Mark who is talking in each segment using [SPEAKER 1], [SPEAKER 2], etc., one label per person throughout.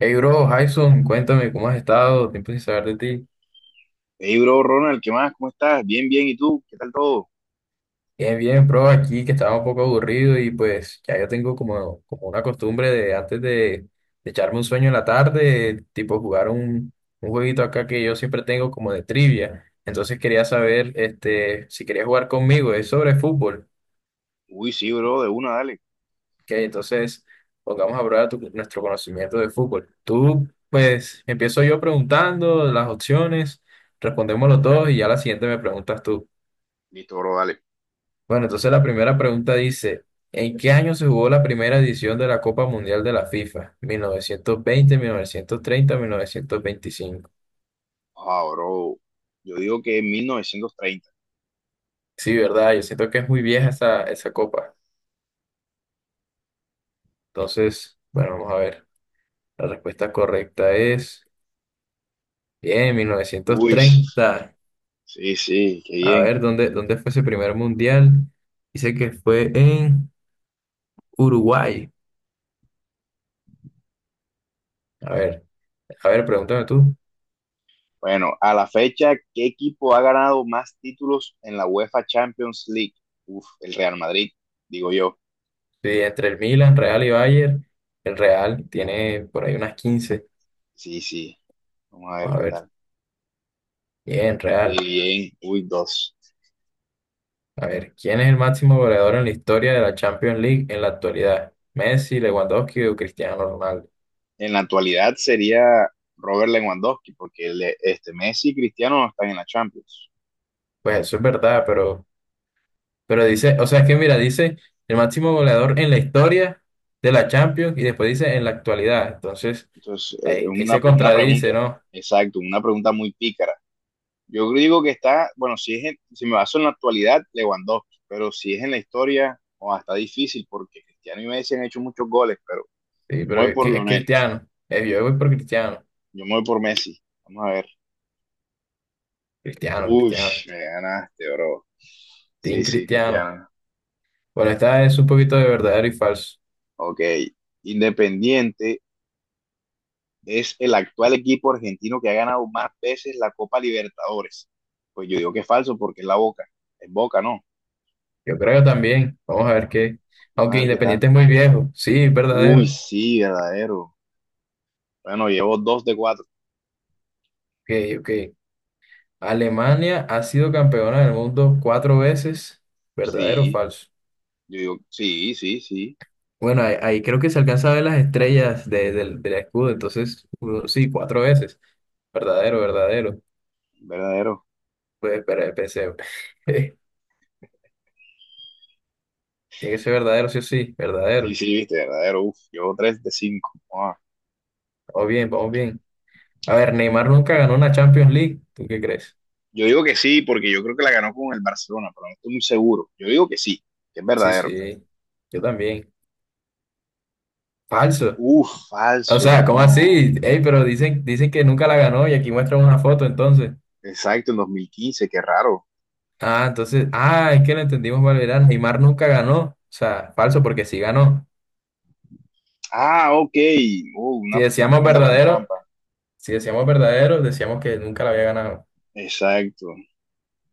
[SPEAKER 1] Hey bro, Jason, cuéntame cómo has estado, tiempo sin saber de ti.
[SPEAKER 2] Hey, bro, Ronald, ¿qué más? ¿Cómo estás? Bien, bien. ¿Y tú? ¿Qué tal todo?
[SPEAKER 1] Bien, bien, bro, aquí que estaba un poco aburrido y pues ya yo tengo como una costumbre de antes de echarme un sueño en la tarde, tipo jugar un jueguito acá que yo siempre tengo como de trivia. Entonces quería saber si querías jugar conmigo, es sobre fútbol,
[SPEAKER 2] Uy, sí, bro, de una, dale.
[SPEAKER 1] ¿ok? Entonces pongamos a prueba nuestro conocimiento de fútbol. Tú, pues empiezo yo preguntando las opciones, respondemos los dos y ya la siguiente me preguntas tú.
[SPEAKER 2] Listo, bro, dale.
[SPEAKER 1] Bueno, entonces la primera pregunta dice, ¿en qué año se jugó la primera edición de la Copa Mundial de la FIFA? Mil novecientos veinte, mil novecientos treinta, mil novecientos veinticinco.
[SPEAKER 2] Ah, bro, yo digo que en 1930.
[SPEAKER 1] Sí, ¿verdad? Yo siento que es muy vieja esa copa. Entonces, bueno, vamos a ver. La respuesta correcta es, bien, mil novecientos
[SPEAKER 2] Uy,
[SPEAKER 1] treinta
[SPEAKER 2] sí, sí, qué
[SPEAKER 1] A
[SPEAKER 2] bien.
[SPEAKER 1] ver, ¿dónde fue ese primer mundial? Dice que fue en Uruguay. A ver, a ver, pregúntame tú.
[SPEAKER 2] Bueno, a la fecha, ¿qué equipo ha ganado más títulos en la UEFA Champions League? Uf, el Real Madrid, digo yo.
[SPEAKER 1] Sí, entre el Milan, Real y Bayern, el Real tiene por ahí unas quince.
[SPEAKER 2] Sí, sí. Vamos a ver
[SPEAKER 1] A
[SPEAKER 2] qué
[SPEAKER 1] ver,
[SPEAKER 2] tal.
[SPEAKER 1] bien,
[SPEAKER 2] Sí,
[SPEAKER 1] real.
[SPEAKER 2] bien. Uy, dos.
[SPEAKER 1] A ver, ¿quién es el máximo goleador en la historia de la Champions League en la actualidad? ¿Messi, Lewandowski o Cristiano Ronaldo?
[SPEAKER 2] En la actualidad sería Robert Lewandowski, porque este Messi y Cristiano no están en la Champions.
[SPEAKER 1] Pues eso es verdad, pero dice, o sea, es que mira, dice el máximo goleador en la historia de la Champions y después dice en la actualidad. Entonces,
[SPEAKER 2] Entonces, es
[SPEAKER 1] ahí
[SPEAKER 2] una,
[SPEAKER 1] se
[SPEAKER 2] una pregunta,
[SPEAKER 1] contradice, ¿no?
[SPEAKER 2] exacto, una pregunta muy pícara. Yo digo que está, bueno, si me baso en la actualidad, Lewandowski, pero si es en la historia, o está difícil porque Cristiano y Messi han hecho muchos goles, pero
[SPEAKER 1] Sí,
[SPEAKER 2] yo
[SPEAKER 1] pero
[SPEAKER 2] me voy por
[SPEAKER 1] es
[SPEAKER 2] Lionel,
[SPEAKER 1] Cristiano. Yo voy por Cristiano.
[SPEAKER 2] yo me voy por Messi. Vamos a ver.
[SPEAKER 1] Cristiano,
[SPEAKER 2] Uy,
[SPEAKER 1] Cristiano.
[SPEAKER 2] me ganaste, bro. Sí,
[SPEAKER 1] Team
[SPEAKER 2] sí,
[SPEAKER 1] Cristiano.
[SPEAKER 2] Cristiano.
[SPEAKER 1] Bueno, esta es un poquito de verdadero y falso.
[SPEAKER 2] Ok. Independiente es el actual equipo argentino que ha ganado más veces la Copa Libertadores. Pues yo digo que es falso porque es la Boca. Es Boca, ¿no?
[SPEAKER 1] Yo creo que también. Vamos a ver qué.
[SPEAKER 2] Vamos
[SPEAKER 1] Aunque
[SPEAKER 2] a ver qué
[SPEAKER 1] Independiente
[SPEAKER 2] tal.
[SPEAKER 1] es muy viejo. Sí, es
[SPEAKER 2] Uy,
[SPEAKER 1] verdadero.
[SPEAKER 2] sí, verdadero. Bueno, llevo dos de cuatro.
[SPEAKER 1] Ok, ok. Alemania ha sido campeona del mundo cuatro veces. ¿Verdadero o
[SPEAKER 2] Sí,
[SPEAKER 1] falso?
[SPEAKER 2] yo digo, sí, sí, sí,
[SPEAKER 1] Bueno, ahí creo que se alcanza a ver las estrellas del escudo. Entonces, sí, cuatro veces. Verdadero, verdadero.
[SPEAKER 2] verdadero.
[SPEAKER 1] Pues, espera, pensé. Tiene que ser verdadero, sí o sí.
[SPEAKER 2] Sí,
[SPEAKER 1] Verdadero.
[SPEAKER 2] sí, viste, verdadero. Uf, llevo tres de cinco. Ah,
[SPEAKER 1] Vamos bien, vamos bien. A ver, Neymar nunca ganó una Champions League. ¿Tú qué crees?
[SPEAKER 2] yo digo que sí, porque yo creo que la ganó con el Barcelona, pero no estoy muy seguro. Yo digo que sí, que es
[SPEAKER 1] Sí,
[SPEAKER 2] verdadero.
[SPEAKER 1] sí. Yo también. Falso.
[SPEAKER 2] Uf,
[SPEAKER 1] O
[SPEAKER 2] falso,
[SPEAKER 1] sea, ¿cómo
[SPEAKER 2] no.
[SPEAKER 1] así? Ey, pero dicen que nunca la ganó y aquí muestran una foto, entonces.
[SPEAKER 2] Exacto, en 2015, qué raro.
[SPEAKER 1] Ah, entonces, ah, es que lo entendimos mal, verá, Neymar nunca ganó. O sea, falso, porque sí ganó.
[SPEAKER 2] Ah, ok.
[SPEAKER 1] Si
[SPEAKER 2] Una
[SPEAKER 1] decíamos
[SPEAKER 2] pregunta con
[SPEAKER 1] verdadero,
[SPEAKER 2] trampa.
[SPEAKER 1] si decíamos verdadero, decíamos que nunca la había ganado.
[SPEAKER 2] Exacto.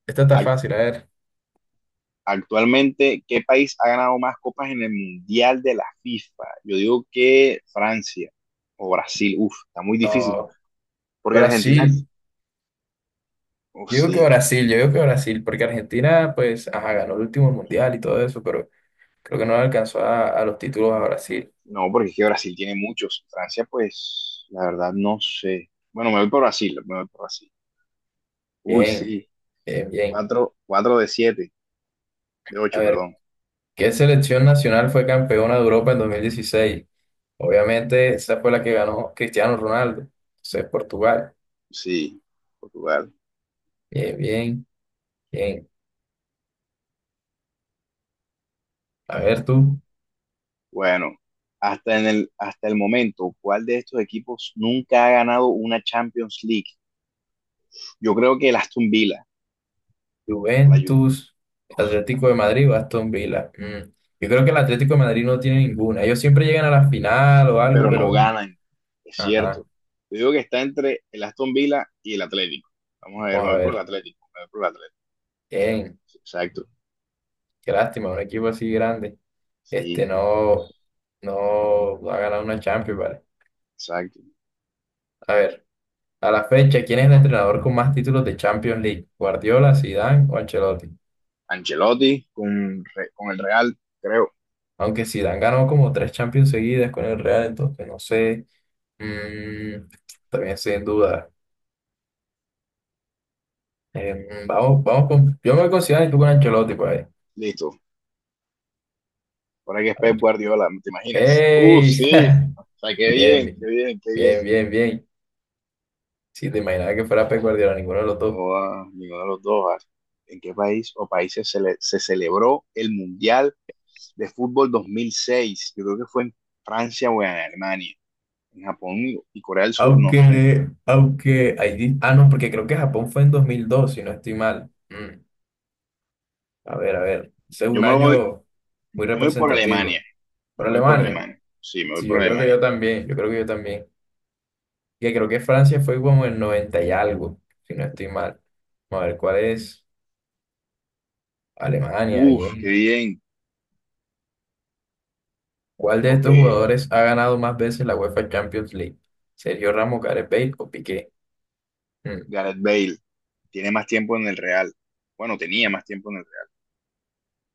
[SPEAKER 1] Esta está fácil, a ver.
[SPEAKER 2] Actualmente, ¿qué país ha ganado más copas en el Mundial de la FIFA? Yo digo que Francia o Brasil. Uf, está muy difícil.
[SPEAKER 1] Ah,
[SPEAKER 2] Porque Argentina,
[SPEAKER 1] Brasil.
[SPEAKER 2] uf,
[SPEAKER 1] Yo digo que
[SPEAKER 2] sí,
[SPEAKER 1] Brasil, yo digo que Brasil, porque Argentina, pues, ajá, ganó el último mundial y todo eso, pero creo que no le alcanzó a los títulos a Brasil.
[SPEAKER 2] no, porque es que Brasil tiene muchos. Francia, pues, la verdad, no sé. Bueno, me voy por Brasil, me voy por Brasil. Uy,
[SPEAKER 1] Bien,
[SPEAKER 2] sí.
[SPEAKER 1] bien, bien.
[SPEAKER 2] Cuatro, cuatro de siete, de
[SPEAKER 1] A
[SPEAKER 2] ocho,
[SPEAKER 1] ver.
[SPEAKER 2] perdón.
[SPEAKER 1] ¿Qué selección nacional fue campeona de Europa en 2016? Obviamente, esa fue la que ganó Cristiano Ronaldo. Entonces, Portugal.
[SPEAKER 2] Sí, Portugal.
[SPEAKER 1] Bien, bien, bien. A ver tú,
[SPEAKER 2] Bueno, hasta el momento, ¿cuál de estos equipos nunca ha ganado una Champions League? Yo creo que el Aston Villa o la Juve.
[SPEAKER 1] Juventus,
[SPEAKER 2] Uf,
[SPEAKER 1] Atlético de Madrid o Aston Villa. Mm, yo creo que el Atlético de Madrid no tiene ninguna. Ellos siempre llegan a la final o algo,
[SPEAKER 2] pero no
[SPEAKER 1] pero...
[SPEAKER 2] ganan, es
[SPEAKER 1] Ajá,
[SPEAKER 2] cierto. Yo digo que está entre el Aston Villa y el Atlético. Vamos a ver, me
[SPEAKER 1] vamos a
[SPEAKER 2] voy por el
[SPEAKER 1] ver.
[SPEAKER 2] Atlético, me voy por el Atlético.
[SPEAKER 1] Bien,
[SPEAKER 2] Sí, exacto,
[SPEAKER 1] qué lástima, un equipo así grande. Este
[SPEAKER 2] sí,
[SPEAKER 1] no ha ganado una Champions, ¿vale?
[SPEAKER 2] exacto.
[SPEAKER 1] A ver. A la fecha, ¿quién es el entrenador con más títulos de Champions League? ¿Guardiola, Zidane o Ancelotti?
[SPEAKER 2] Ancelotti con el Real, creo.
[SPEAKER 1] Aunque Zidane ganó como tres Champions seguidas con el Real, entonces no sé. Mm, también sin duda. Vamos con. Yo me considero y tú con Ancelotti, pues.
[SPEAKER 2] Listo. Ahora que es Pep Guardiola, ¿te imaginas? Uf,
[SPEAKER 1] ¡Ey!
[SPEAKER 2] sí. O sea, qué
[SPEAKER 1] Bien,
[SPEAKER 2] bien, qué bien, qué bien.
[SPEAKER 1] bien, bien, bien, bien. Si te imaginaba que fuera Pep Guardiola, ninguno de los dos.
[SPEAKER 2] No, ah, ninguno de los dos. Ah. ¿En qué país o países se celebró el Mundial de Fútbol 2006? Yo creo que fue en Francia o en Alemania. En Japón y Corea del Sur, no sé.
[SPEAKER 1] No, porque creo que Japón fue en 2002, si no estoy mal. Mm. A ver. Ese es
[SPEAKER 2] Yo
[SPEAKER 1] un
[SPEAKER 2] me voy,
[SPEAKER 1] año
[SPEAKER 2] yo
[SPEAKER 1] muy
[SPEAKER 2] me voy por
[SPEAKER 1] representativo.
[SPEAKER 2] Alemania. Yo
[SPEAKER 1] ¿Por
[SPEAKER 2] me voy por
[SPEAKER 1] Alemania?
[SPEAKER 2] Alemania. Sí, me voy
[SPEAKER 1] Sí,
[SPEAKER 2] por
[SPEAKER 1] yo creo que
[SPEAKER 2] Alemania.
[SPEAKER 1] yo también. Yo creo que yo también. Que creo que Francia fue como el 90 y algo, si no estoy mal. Vamos a ver, ¿cuál es? Alemania,
[SPEAKER 2] Uf, qué
[SPEAKER 1] bien.
[SPEAKER 2] bien.
[SPEAKER 1] ¿Cuál de
[SPEAKER 2] Ok,
[SPEAKER 1] estos jugadores ha ganado más veces la UEFA Champions League? ¿Sergio Ramos, Gareth Bale o Piqué? Mm,
[SPEAKER 2] Gareth Bale tiene más tiempo en el Real. Bueno, tenía más tiempo en el Real.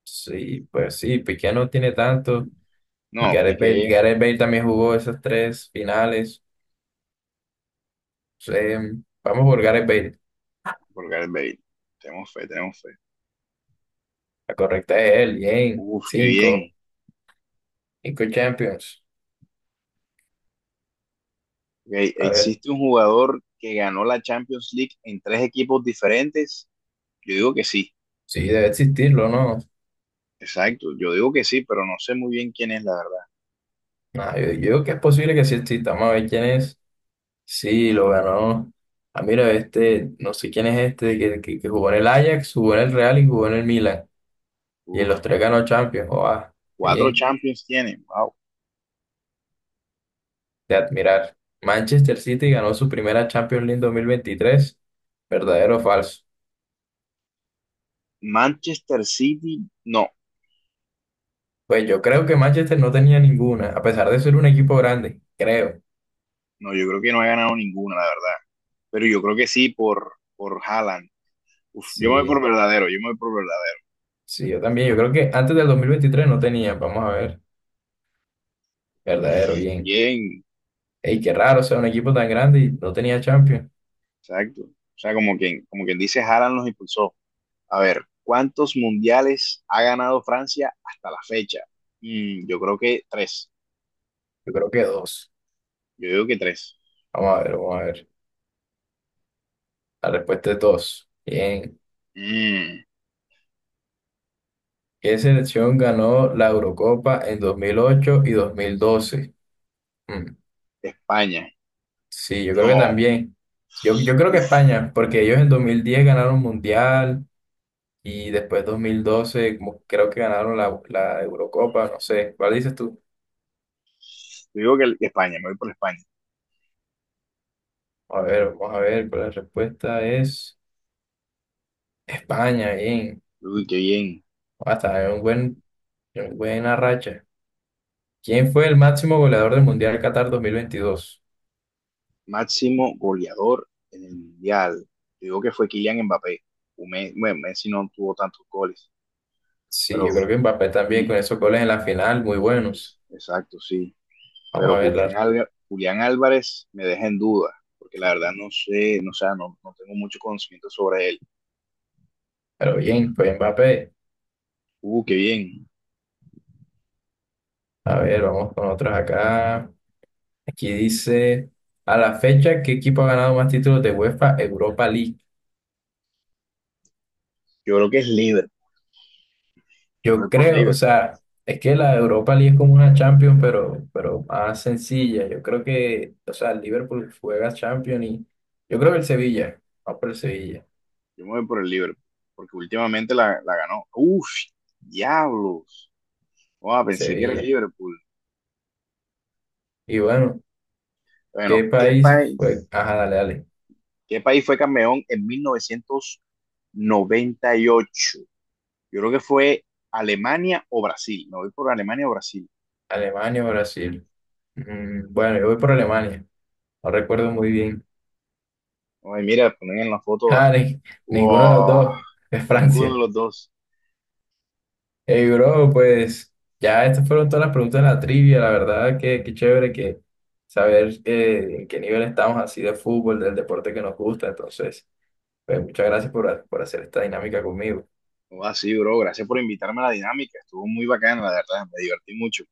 [SPEAKER 1] sí, pues sí, Piqué no tiene tanto. Y
[SPEAKER 2] No,
[SPEAKER 1] Gareth Bale,
[SPEAKER 2] Piqué
[SPEAKER 1] Gareth Bale también jugó esas tres finales. Sí, vamos por Gareth Bale.
[SPEAKER 2] por Gareth Bale. Tenemos fe, tenemos fe.
[SPEAKER 1] La correcta es él, bien.
[SPEAKER 2] Uf, qué bien.
[SPEAKER 1] Cinco. Cinco Champions.
[SPEAKER 2] Ok,
[SPEAKER 1] A ver,
[SPEAKER 2] ¿existe un jugador que ganó la Champions League en tres equipos diferentes? Yo digo que sí.
[SPEAKER 1] sí, debe existirlo, ¿no?
[SPEAKER 2] Exacto, yo digo que sí, pero no sé muy bien quién es la verdad.
[SPEAKER 1] Nah, yo digo que es posible que sí exista. Vamos a ver quién es. Sí, lo ganó. Ah, mira, este, no sé quién es este, que jugó en el Ajax, jugó en el Real y jugó en el Milan. Y en
[SPEAKER 2] Uf,
[SPEAKER 1] los
[SPEAKER 2] qué
[SPEAKER 1] tres ganó
[SPEAKER 2] capo.
[SPEAKER 1] Champions. Oh, ah, qué
[SPEAKER 2] Cuatro
[SPEAKER 1] bien,
[SPEAKER 2] Champions tiene. Wow.
[SPEAKER 1] de admirar. Manchester City ganó su primera Champions League 2023. ¿Verdadero o falso?
[SPEAKER 2] Manchester City, no,
[SPEAKER 1] Pues yo creo que Manchester no tenía ninguna, a pesar de ser un equipo grande, creo.
[SPEAKER 2] no, yo creo que no ha ganado ninguna, la verdad. Pero yo creo que sí por Haaland. Uf, yo me voy por
[SPEAKER 1] Sí.
[SPEAKER 2] verdadero, yo me voy por verdadero.
[SPEAKER 1] Sí, yo también. Yo creo que antes del 2023 no tenía, vamos a ver, verdadero, bien.
[SPEAKER 2] Bien,
[SPEAKER 1] Ey, qué raro, o sea, un equipo tan grande y no tenía Champions.
[SPEAKER 2] exacto. O sea, como quien dice, Haaland los impulsó. A ver, ¿cuántos mundiales ha ganado Francia hasta la fecha? Yo creo que tres.
[SPEAKER 1] Yo creo que dos.
[SPEAKER 2] Yo digo que tres.
[SPEAKER 1] Vamos a ver. La respuesta es dos. Bien.
[SPEAKER 2] Mm,
[SPEAKER 1] ¿Qué selección ganó la Eurocopa en 2008 y 2012? Mm,
[SPEAKER 2] España,
[SPEAKER 1] sí, yo creo que
[SPEAKER 2] no.
[SPEAKER 1] también. Yo creo que
[SPEAKER 2] Uf,
[SPEAKER 1] España, porque ellos en 2010 ganaron Mundial y después 2012 como creo que ganaron la Eurocopa, no sé. ¿Cuál dices tú?
[SPEAKER 2] yo digo que España, me voy por España.
[SPEAKER 1] A ver, vamos a ver, pero la respuesta es... España, bien.
[SPEAKER 2] Uy, qué bien.
[SPEAKER 1] Hasta en un buen, en buena racha. ¿Quién fue el máximo goleador del Mundial Qatar 2022?
[SPEAKER 2] Máximo goleador en el Mundial. Yo digo que fue Kylian Mbappé. Messi, bueno, Messi no tuvo tantos goles,
[SPEAKER 1] Sí,
[SPEAKER 2] pero
[SPEAKER 1] yo creo que Mbappé también
[SPEAKER 2] Juli,
[SPEAKER 1] con esos goles en la final, muy buenos.
[SPEAKER 2] es, exacto, sí.
[SPEAKER 1] Vamos
[SPEAKER 2] Pero
[SPEAKER 1] a ver,
[SPEAKER 2] Julián Álvarez me deja en duda, porque la verdad no sé, no, o sea, no, no tengo mucho conocimiento sobre él.
[SPEAKER 1] pero bien, fue Mbappé.
[SPEAKER 2] Qué bien.
[SPEAKER 1] A ver, vamos con otros acá. Aquí dice, a la fecha, ¿qué equipo ha ganado más títulos de UEFA Europa League?
[SPEAKER 2] Yo creo que es Liverpool. Me
[SPEAKER 1] Yo
[SPEAKER 2] voy por
[SPEAKER 1] creo, o
[SPEAKER 2] Liverpool.
[SPEAKER 1] sea, es que la Europa League es como una Champions, pero más sencilla. Yo creo que, o sea, el Liverpool juega Champions y yo creo que el Sevilla, vamos por el Sevilla,
[SPEAKER 2] Yo me voy por el Liverpool, porque últimamente la ganó. Uf, diablos. Oh, pensé que era el
[SPEAKER 1] Sevilla.
[SPEAKER 2] Liverpool.
[SPEAKER 1] Y bueno,
[SPEAKER 2] Bueno,
[SPEAKER 1] ¿qué país fue? Ajá, dale, dale.
[SPEAKER 2] ¿Qué país fue campeón en 1998? Yo creo que fue Alemania o Brasil. Me voy por Alemania o Brasil.
[SPEAKER 1] Alemania o Brasil. Mm, bueno, yo voy por Alemania, no recuerdo muy bien.
[SPEAKER 2] Ay, mira, ponen en la foto. Ah.
[SPEAKER 1] Ah, ninguno de los
[SPEAKER 2] Wow,
[SPEAKER 1] dos, es
[SPEAKER 2] ninguno de
[SPEAKER 1] Francia.
[SPEAKER 2] los dos.
[SPEAKER 1] Hey, bro, pues ya estas fueron todas las preguntas de la trivia, la verdad que qué chévere que saber en qué nivel estamos así de fútbol, del deporte que nos gusta, entonces, pues muchas gracias por, por hacer esta dinámica conmigo.
[SPEAKER 2] Así, bro. Gracias por invitarme a la dinámica. Estuvo muy bacana, la verdad. Me divertí mucho.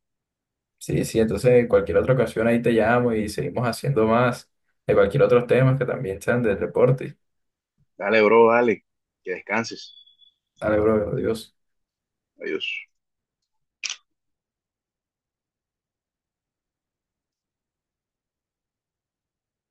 [SPEAKER 1] Sí, sí, entonces en cualquier otra ocasión ahí te llamo y seguimos haciendo más de cualquier otro tema que también sean del deporte.
[SPEAKER 2] Dale, bro, dale. Que descanses.
[SPEAKER 1] Dale, bro, adiós.
[SPEAKER 2] Adiós.